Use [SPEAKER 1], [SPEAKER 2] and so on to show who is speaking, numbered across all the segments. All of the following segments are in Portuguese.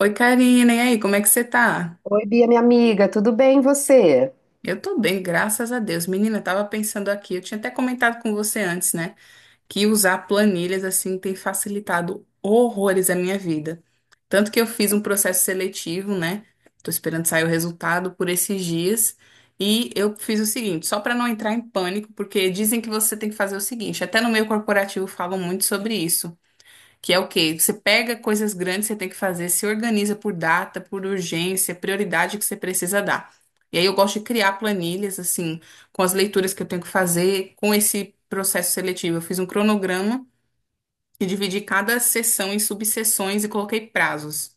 [SPEAKER 1] Oi, Karina, e aí, como é que você tá?
[SPEAKER 2] Oi, Bia, minha amiga, tudo bem e você?
[SPEAKER 1] Eu tô bem, graças a Deus. Menina, eu tava pensando aqui, eu tinha até comentado com você antes, né, que usar planilhas assim tem facilitado horrores a minha vida. Tanto que eu fiz um processo seletivo, né? Tô esperando sair o resultado por esses dias. E eu fiz o seguinte, só para não entrar em pânico, porque dizem que você tem que fazer o seguinte, até no meio corporativo falam muito sobre isso. Que é o quê? Você pega coisas grandes que você tem que fazer, se organiza por data, por urgência, prioridade que você precisa dar. E aí eu gosto de criar planilhas, assim, com as leituras que eu tenho que fazer, com esse processo seletivo. Eu fiz um cronograma e dividi cada sessão em subseções e coloquei prazos.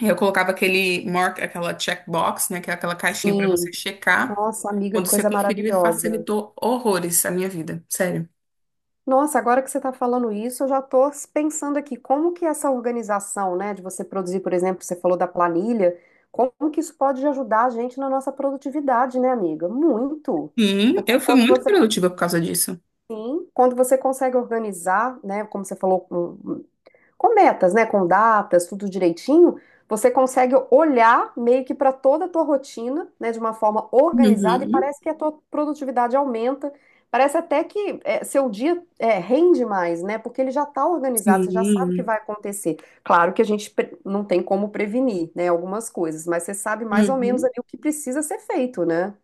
[SPEAKER 1] E eu colocava aquele mark, aquela checkbox, né, que é aquela caixinha para você
[SPEAKER 2] Sim.
[SPEAKER 1] checar.
[SPEAKER 2] Nossa, amiga,
[SPEAKER 1] Quando
[SPEAKER 2] que
[SPEAKER 1] você
[SPEAKER 2] coisa
[SPEAKER 1] conferiu, e
[SPEAKER 2] maravilhosa.
[SPEAKER 1] facilitou horrores a minha vida, sério.
[SPEAKER 2] Nossa, agora que você está falando isso, eu já estou pensando aqui, como que essa organização, né, de você produzir, por exemplo, você falou da planilha, como que isso pode ajudar a gente na nossa produtividade, né, amiga? Muito.
[SPEAKER 1] Sim,
[SPEAKER 2] Porque
[SPEAKER 1] eu fui
[SPEAKER 2] quando
[SPEAKER 1] muito
[SPEAKER 2] você,
[SPEAKER 1] produtiva por causa disso.
[SPEAKER 2] sim, quando você consegue organizar, né, como você falou, um, com metas, né, com datas, tudo direitinho, você consegue olhar meio que para toda a tua rotina, né, de uma forma organizada e
[SPEAKER 1] Uhum,
[SPEAKER 2] parece que a tua produtividade aumenta. Parece até que é, seu dia é, rende mais, né? Porque ele já está organizado, você já sabe o que
[SPEAKER 1] sim.
[SPEAKER 2] vai acontecer. Claro que não tem como prevenir, né, algumas coisas, mas você sabe mais ou menos
[SPEAKER 1] Uhum.
[SPEAKER 2] ali o que precisa ser feito, né?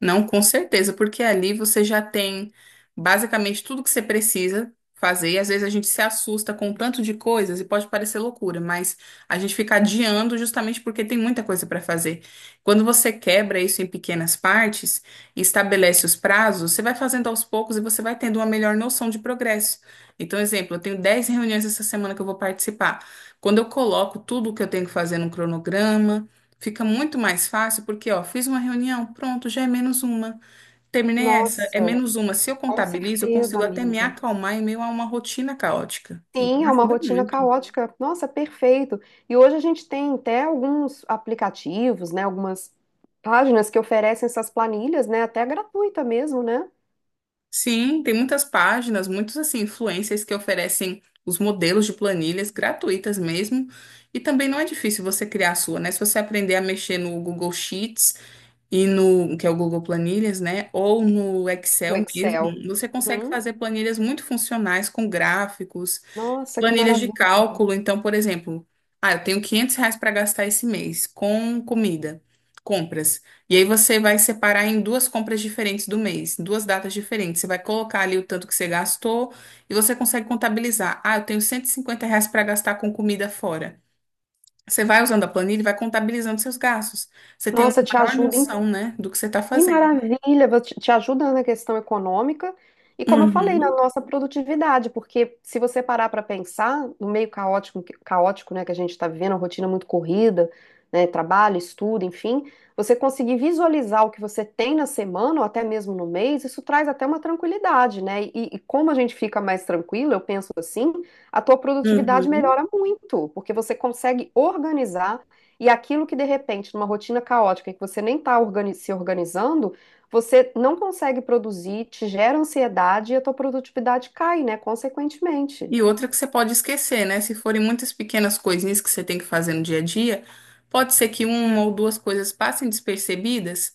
[SPEAKER 1] Não, com certeza, porque ali você já tem basicamente tudo que você precisa fazer. E às vezes a gente se assusta com o tanto de coisas e pode parecer loucura, mas a gente fica adiando justamente porque tem muita coisa para fazer. Quando você quebra isso em pequenas partes e estabelece os prazos, você vai fazendo aos poucos e você vai tendo uma melhor noção de progresso. Então, exemplo, eu tenho 10 reuniões essa semana que eu vou participar. Quando eu coloco tudo o que eu tenho que fazer num cronograma, fica muito mais fácil porque, ó, fiz uma reunião, pronto, já é menos uma. Terminei essa, é
[SPEAKER 2] Nossa,
[SPEAKER 1] menos uma. Se eu
[SPEAKER 2] com
[SPEAKER 1] contabilizo, eu
[SPEAKER 2] certeza,
[SPEAKER 1] consigo até me
[SPEAKER 2] amiga.
[SPEAKER 1] acalmar em meio a uma rotina caótica. Então
[SPEAKER 2] Sim, é uma
[SPEAKER 1] ajuda
[SPEAKER 2] rotina
[SPEAKER 1] muito.
[SPEAKER 2] caótica. Nossa, perfeito. E hoje a gente tem até alguns aplicativos, né, algumas páginas que oferecem essas planilhas, né, até gratuita mesmo, né?
[SPEAKER 1] Sim, tem muitas páginas, muitos assim, influencers que oferecem os modelos de planilhas gratuitas mesmo. E também não é difícil você criar a sua, né? Se você aprender a mexer no Google Sheets e no, que é o Google Planilhas, né? Ou no
[SPEAKER 2] O
[SPEAKER 1] Excel mesmo,
[SPEAKER 2] Excel.
[SPEAKER 1] você consegue
[SPEAKER 2] Uhum.
[SPEAKER 1] fazer planilhas muito funcionais com gráficos
[SPEAKER 2] Nossa, que
[SPEAKER 1] planilhas de
[SPEAKER 2] maravilha.
[SPEAKER 1] cálculo. Então, por exemplo, ah, eu tenho R$ 500 para gastar esse mês com comida, compras. E aí você vai separar em duas compras diferentes do mês, em duas datas diferentes. Você vai colocar ali o tanto que você gastou e você consegue contabilizar. Ah, eu tenho R$ 150 para gastar com comida fora. Você vai usando a planilha e vai contabilizando seus gastos. Você tem uma
[SPEAKER 2] Nossa, te
[SPEAKER 1] maior
[SPEAKER 2] ajuda
[SPEAKER 1] noção, né, do que você está
[SPEAKER 2] Que
[SPEAKER 1] fazendo.
[SPEAKER 2] maravilha! Vou Te te ajuda na questão econômica e, como eu falei, na
[SPEAKER 1] Uhum,
[SPEAKER 2] nossa produtividade, porque se você parar para pensar, no meio caótico, caótico, né, que a gente está vivendo, uma rotina muito corrida, né, trabalho, estudo, enfim, você conseguir visualizar o que você tem na semana ou até mesmo no mês, isso traz até uma tranquilidade, né? E como a gente fica mais tranquilo, eu penso assim, a tua produtividade
[SPEAKER 1] uhum.
[SPEAKER 2] melhora muito, porque você consegue organizar e aquilo que de repente, numa rotina caótica, que você nem está organi- se organizando, você não consegue produzir, te gera ansiedade e a tua produtividade cai, né? Consequentemente.
[SPEAKER 1] E outra que você pode esquecer, né? Se forem muitas pequenas coisinhas que você tem que fazer no dia a dia, pode ser que uma ou duas coisas passem despercebidas.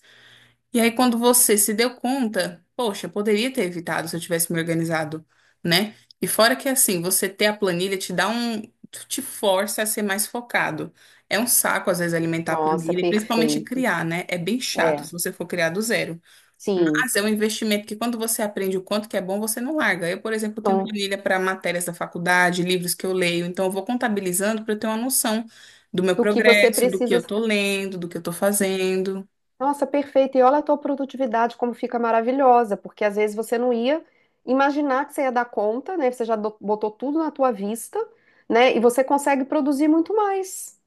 [SPEAKER 1] E aí, quando você se deu conta, poxa, poderia ter evitado se eu tivesse me organizado, né? E fora que assim, você ter a planilha te dá um, te força a ser mais focado. É um saco, às vezes, alimentar a
[SPEAKER 2] Nossa,
[SPEAKER 1] planilha, principalmente
[SPEAKER 2] perfeito.
[SPEAKER 1] criar, né? É bem chato
[SPEAKER 2] É,
[SPEAKER 1] se você for criar do zero.
[SPEAKER 2] sim.
[SPEAKER 1] Mas é um investimento que quando você aprende o quanto que é bom, você não larga. Eu, por exemplo, tenho
[SPEAKER 2] Então,
[SPEAKER 1] planilha para matérias da faculdade, livros que eu leio, então eu vou contabilizando para eu ter uma noção do meu
[SPEAKER 2] do que você
[SPEAKER 1] progresso, do que
[SPEAKER 2] precisa.
[SPEAKER 1] eu estou lendo, do que eu estou fazendo.
[SPEAKER 2] Nossa, perfeito. E olha a tua produtividade como fica maravilhosa, porque às vezes você não ia imaginar que você ia dar conta, né? Botou tudo na tua vista, né? E você consegue produzir muito mais.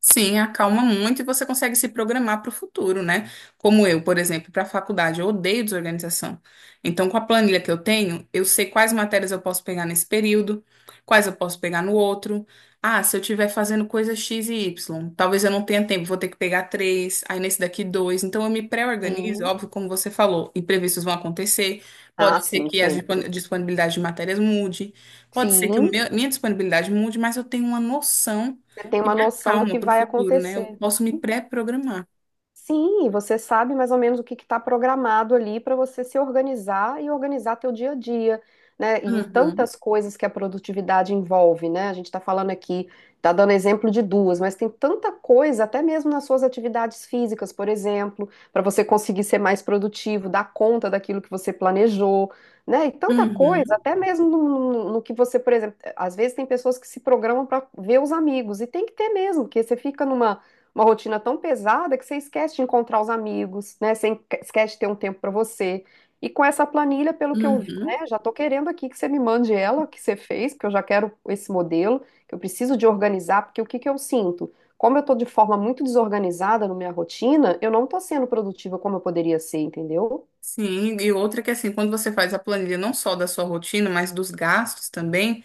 [SPEAKER 1] Sim, acalma muito e você consegue se programar para o futuro, né? Como eu, por exemplo, para a faculdade, eu odeio desorganização. Então, com a planilha que eu tenho, eu sei quais matérias eu posso pegar nesse período, quais eu posso pegar no outro. Ah, se eu estiver fazendo coisa X e Y, talvez eu não tenha tempo, vou ter que pegar três, aí nesse daqui dois. Então, eu me pré-organizo,
[SPEAKER 2] Sim.
[SPEAKER 1] óbvio, como você falou, imprevistos vão acontecer.
[SPEAKER 2] Ah,
[SPEAKER 1] Pode ser
[SPEAKER 2] sim,
[SPEAKER 1] que a
[SPEAKER 2] sempre.
[SPEAKER 1] disponibilidade de matérias mude, pode ser que o
[SPEAKER 2] Sim.
[SPEAKER 1] minha disponibilidade mude, mas eu tenho uma noção
[SPEAKER 2] Você tem
[SPEAKER 1] e
[SPEAKER 2] uma
[SPEAKER 1] me
[SPEAKER 2] noção do que
[SPEAKER 1] acalma para o
[SPEAKER 2] vai
[SPEAKER 1] futuro, né? Eu
[SPEAKER 2] acontecer,
[SPEAKER 1] posso me pré-programar.
[SPEAKER 2] sim, e você sabe mais ou menos o que está programado ali para você se organizar e organizar teu dia a dia, né? Em
[SPEAKER 1] Uhum,
[SPEAKER 2] tantas coisas que a produtividade envolve, né? A gente está falando aqui, está dando exemplo de duas, mas tem tanta coisa, até mesmo nas suas atividades físicas, por exemplo, para você conseguir ser mais produtivo, dar conta daquilo que você planejou, né? E tanta coisa,
[SPEAKER 1] uhum,
[SPEAKER 2] até mesmo no que você, por exemplo, às vezes tem pessoas que se programam para ver os amigos, e tem que ter mesmo, porque você fica numa uma rotina tão pesada que você esquece de encontrar os amigos, né? Esquece de ter um tempo para você. E com essa planilha, pelo que vi,
[SPEAKER 1] uhum.
[SPEAKER 2] né, já estou querendo aqui que você me mande ela, que você fez, porque eu já quero esse modelo, que eu preciso de organizar, porque o que que eu sinto? Como eu estou de forma muito desorganizada na minha rotina, eu não estou sendo produtiva como eu poderia ser, entendeu?
[SPEAKER 1] Sim, e outra que assim, quando você faz a planilha não só da sua rotina, mas dos gastos também.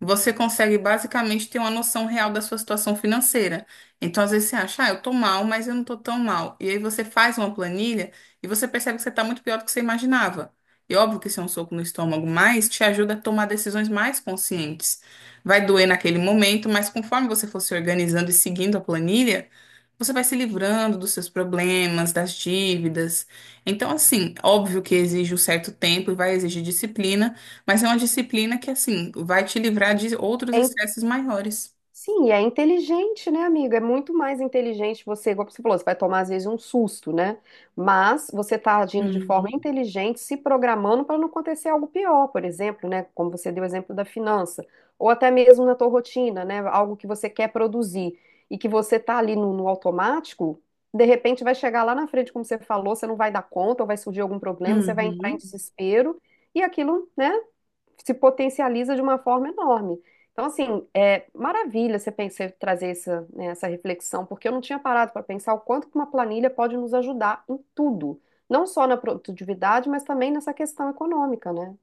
[SPEAKER 1] Você consegue basicamente ter uma noção real da sua situação financeira. Então, às vezes você acha, ah, eu tô mal, mas eu não tô tão mal. E aí você faz uma planilha e você percebe que você tá muito pior do que você imaginava. E óbvio que isso é um soco no estômago, mas te ajuda a tomar decisões mais conscientes. Vai doer naquele momento, mas conforme você for se organizando e seguindo a planilha, você vai se livrando dos seus problemas, das dívidas. Então, assim, óbvio que exige um certo tempo e vai exigir disciplina. Mas é uma disciplina que, assim, vai te livrar de
[SPEAKER 2] É
[SPEAKER 1] outros estresses maiores.
[SPEAKER 2] Sim, e é inteligente, né, amigo? É muito mais inteligente você, igual você falou, você vai tomar às vezes um susto, né? Mas você está agindo de forma
[SPEAKER 1] Uhum,
[SPEAKER 2] inteligente, se programando para não acontecer algo pior, por exemplo, né? Como você deu o exemplo da finança, ou até mesmo na tua rotina, né? Algo que você quer produzir e que você está ali no automático, de repente vai chegar lá na frente, como você falou, você não vai dar conta, ou vai surgir algum problema, você vai entrar em
[SPEAKER 1] uhum.
[SPEAKER 2] desespero e aquilo, né? Se potencializa de uma forma enorme. Então, assim, é maravilha você pensar, trazer essa, né, essa reflexão, porque eu não tinha parado para pensar o quanto que uma planilha pode nos ajudar em tudo, não só na produtividade, mas também nessa questão econômica, né?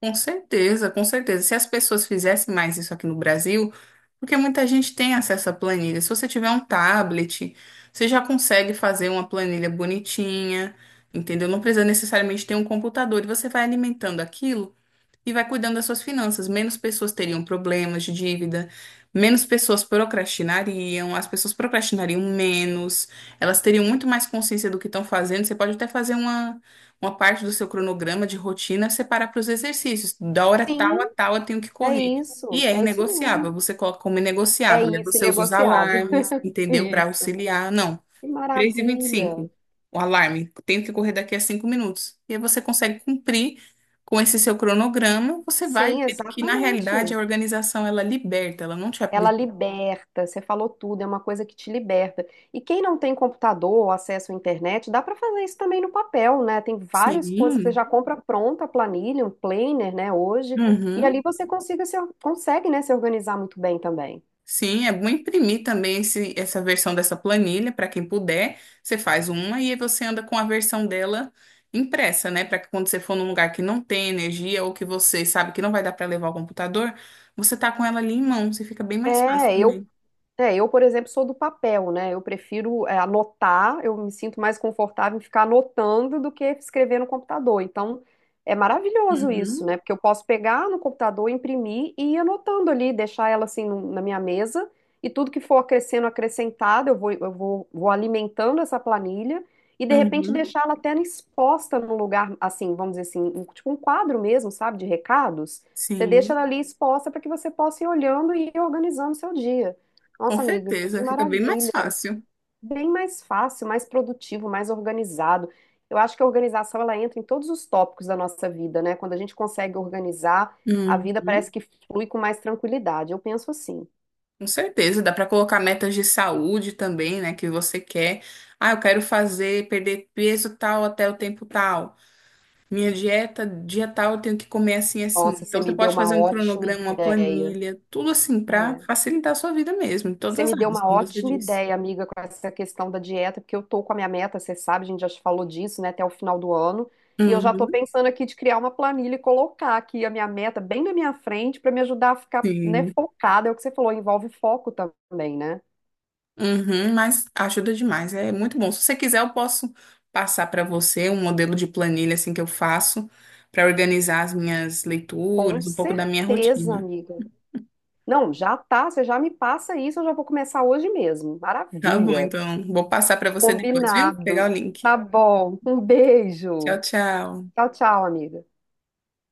[SPEAKER 1] Com certeza, com certeza. Se as pessoas fizessem mais isso aqui no Brasil, porque muita gente tem acesso à planilha. Se você tiver um tablet, você já consegue fazer uma planilha bonitinha, entendeu? Não precisa necessariamente ter um computador e você vai alimentando aquilo e vai cuidando das suas finanças. Menos pessoas teriam problemas de dívida, menos pessoas procrastinariam, as pessoas procrastinariam menos, elas teriam muito mais consciência do que estão fazendo. Você pode até fazer uma parte do seu cronograma de rotina, separar para os exercícios. Da hora tal a
[SPEAKER 2] Sim,
[SPEAKER 1] tal eu tenho que correr. E é
[SPEAKER 2] é isso mesmo.
[SPEAKER 1] inegociável, você coloca como
[SPEAKER 2] É
[SPEAKER 1] inegociável. E aí
[SPEAKER 2] isso,
[SPEAKER 1] você usa os
[SPEAKER 2] negociável.
[SPEAKER 1] alarmes, entendeu? Para
[SPEAKER 2] Isso.
[SPEAKER 1] auxiliar. Não,
[SPEAKER 2] Que
[SPEAKER 1] três e vinte e
[SPEAKER 2] maravilha.
[SPEAKER 1] cinco o alarme. Tenho que correr daqui a 5 minutos. E aí você consegue cumprir com esse seu cronograma. Você vai
[SPEAKER 2] Sim,
[SPEAKER 1] ver que, na realidade,
[SPEAKER 2] exatamente.
[SPEAKER 1] a organização, ela liberta, ela não te
[SPEAKER 2] Ela
[SPEAKER 1] aprisiona.
[SPEAKER 2] liberta, você falou tudo, é uma coisa que te liberta. E quem não tem computador ou acesso à internet, dá para fazer isso também no papel, né? Tem várias coisas que você
[SPEAKER 1] Sim,
[SPEAKER 2] já compra pronta, a planilha, um planner, né, hoje, e
[SPEAKER 1] uhum.
[SPEAKER 2] ali você consiga se, consegue, né, se organizar muito bem também.
[SPEAKER 1] Sim, é bom imprimir também essa versão dessa planilha, para quem puder. Você faz uma e aí você anda com a versão dela impressa, né? Para que quando você for num lugar que não tem energia ou que você sabe que não vai dar para levar o computador, você tá com ela ali em mãos e fica bem mais fácil
[SPEAKER 2] É, eu
[SPEAKER 1] também.
[SPEAKER 2] É, eu, por exemplo, sou do papel, né? Eu prefiro anotar, eu me sinto mais confortável em ficar anotando do que escrever no computador. Então, é maravilhoso isso,
[SPEAKER 1] Uhum.
[SPEAKER 2] né? Porque eu posso pegar no computador, imprimir e ir anotando ali, deixar ela assim na minha mesa, e tudo que for acrescentado, vou alimentando essa planilha e, de repente,
[SPEAKER 1] Uhum,
[SPEAKER 2] deixar ela até exposta num lugar, assim, vamos dizer assim, tipo um quadro mesmo, sabe, de recados. Você deixa
[SPEAKER 1] sim,
[SPEAKER 2] ela ali exposta para que você possa ir olhando e ir organizando o seu dia.
[SPEAKER 1] com
[SPEAKER 2] Nossa, amiga, que
[SPEAKER 1] certeza, fica bem mais
[SPEAKER 2] maravilha!
[SPEAKER 1] fácil.
[SPEAKER 2] Bem mais fácil, mais produtivo, mais organizado. Eu acho que a organização ela entra em todos os tópicos da nossa vida, né? Quando a gente consegue organizar, a
[SPEAKER 1] Uhum,
[SPEAKER 2] vida parece que flui com mais tranquilidade. Eu penso assim.
[SPEAKER 1] com certeza, dá para colocar metas de saúde também, né, que você quer. Ah, eu quero fazer, perder peso tal até o tempo tal. Minha dieta, dia tal, eu tenho que comer assim, assim.
[SPEAKER 2] Nossa, você
[SPEAKER 1] Então você
[SPEAKER 2] me deu
[SPEAKER 1] pode
[SPEAKER 2] uma
[SPEAKER 1] fazer um
[SPEAKER 2] ótima
[SPEAKER 1] cronograma, uma
[SPEAKER 2] ideia.
[SPEAKER 1] planilha, tudo assim para
[SPEAKER 2] É.
[SPEAKER 1] facilitar a sua vida mesmo, em todas
[SPEAKER 2] Você
[SPEAKER 1] as
[SPEAKER 2] me deu
[SPEAKER 1] áreas,
[SPEAKER 2] uma
[SPEAKER 1] como você
[SPEAKER 2] ótima
[SPEAKER 1] disse.
[SPEAKER 2] ideia, amiga, com essa questão da dieta, porque eu tô com a minha meta, você sabe, a gente já te falou disso, né, até o final do ano. E eu já tô
[SPEAKER 1] Uhum,
[SPEAKER 2] pensando aqui de criar uma planilha e colocar aqui a minha meta bem na minha frente para me ajudar a ficar, né,
[SPEAKER 1] sim.
[SPEAKER 2] focada. É o que você falou, envolve foco também, né?
[SPEAKER 1] Uhum, mas ajuda demais, é muito bom. Se você quiser, eu posso passar para você um modelo de planilha assim que eu faço para organizar as minhas
[SPEAKER 2] Com
[SPEAKER 1] leituras, um pouco da minha
[SPEAKER 2] certeza,
[SPEAKER 1] rotina.
[SPEAKER 2] amiga. Não, já tá, você já me passa isso, eu já vou começar hoje mesmo.
[SPEAKER 1] Tá bom,
[SPEAKER 2] Maravilha.
[SPEAKER 1] então vou passar para você depois, viu? Pegar
[SPEAKER 2] Combinado.
[SPEAKER 1] o link.
[SPEAKER 2] Tá bom. Um
[SPEAKER 1] Tchau,
[SPEAKER 2] beijo.
[SPEAKER 1] tchau.
[SPEAKER 2] Tchau, tchau, amiga.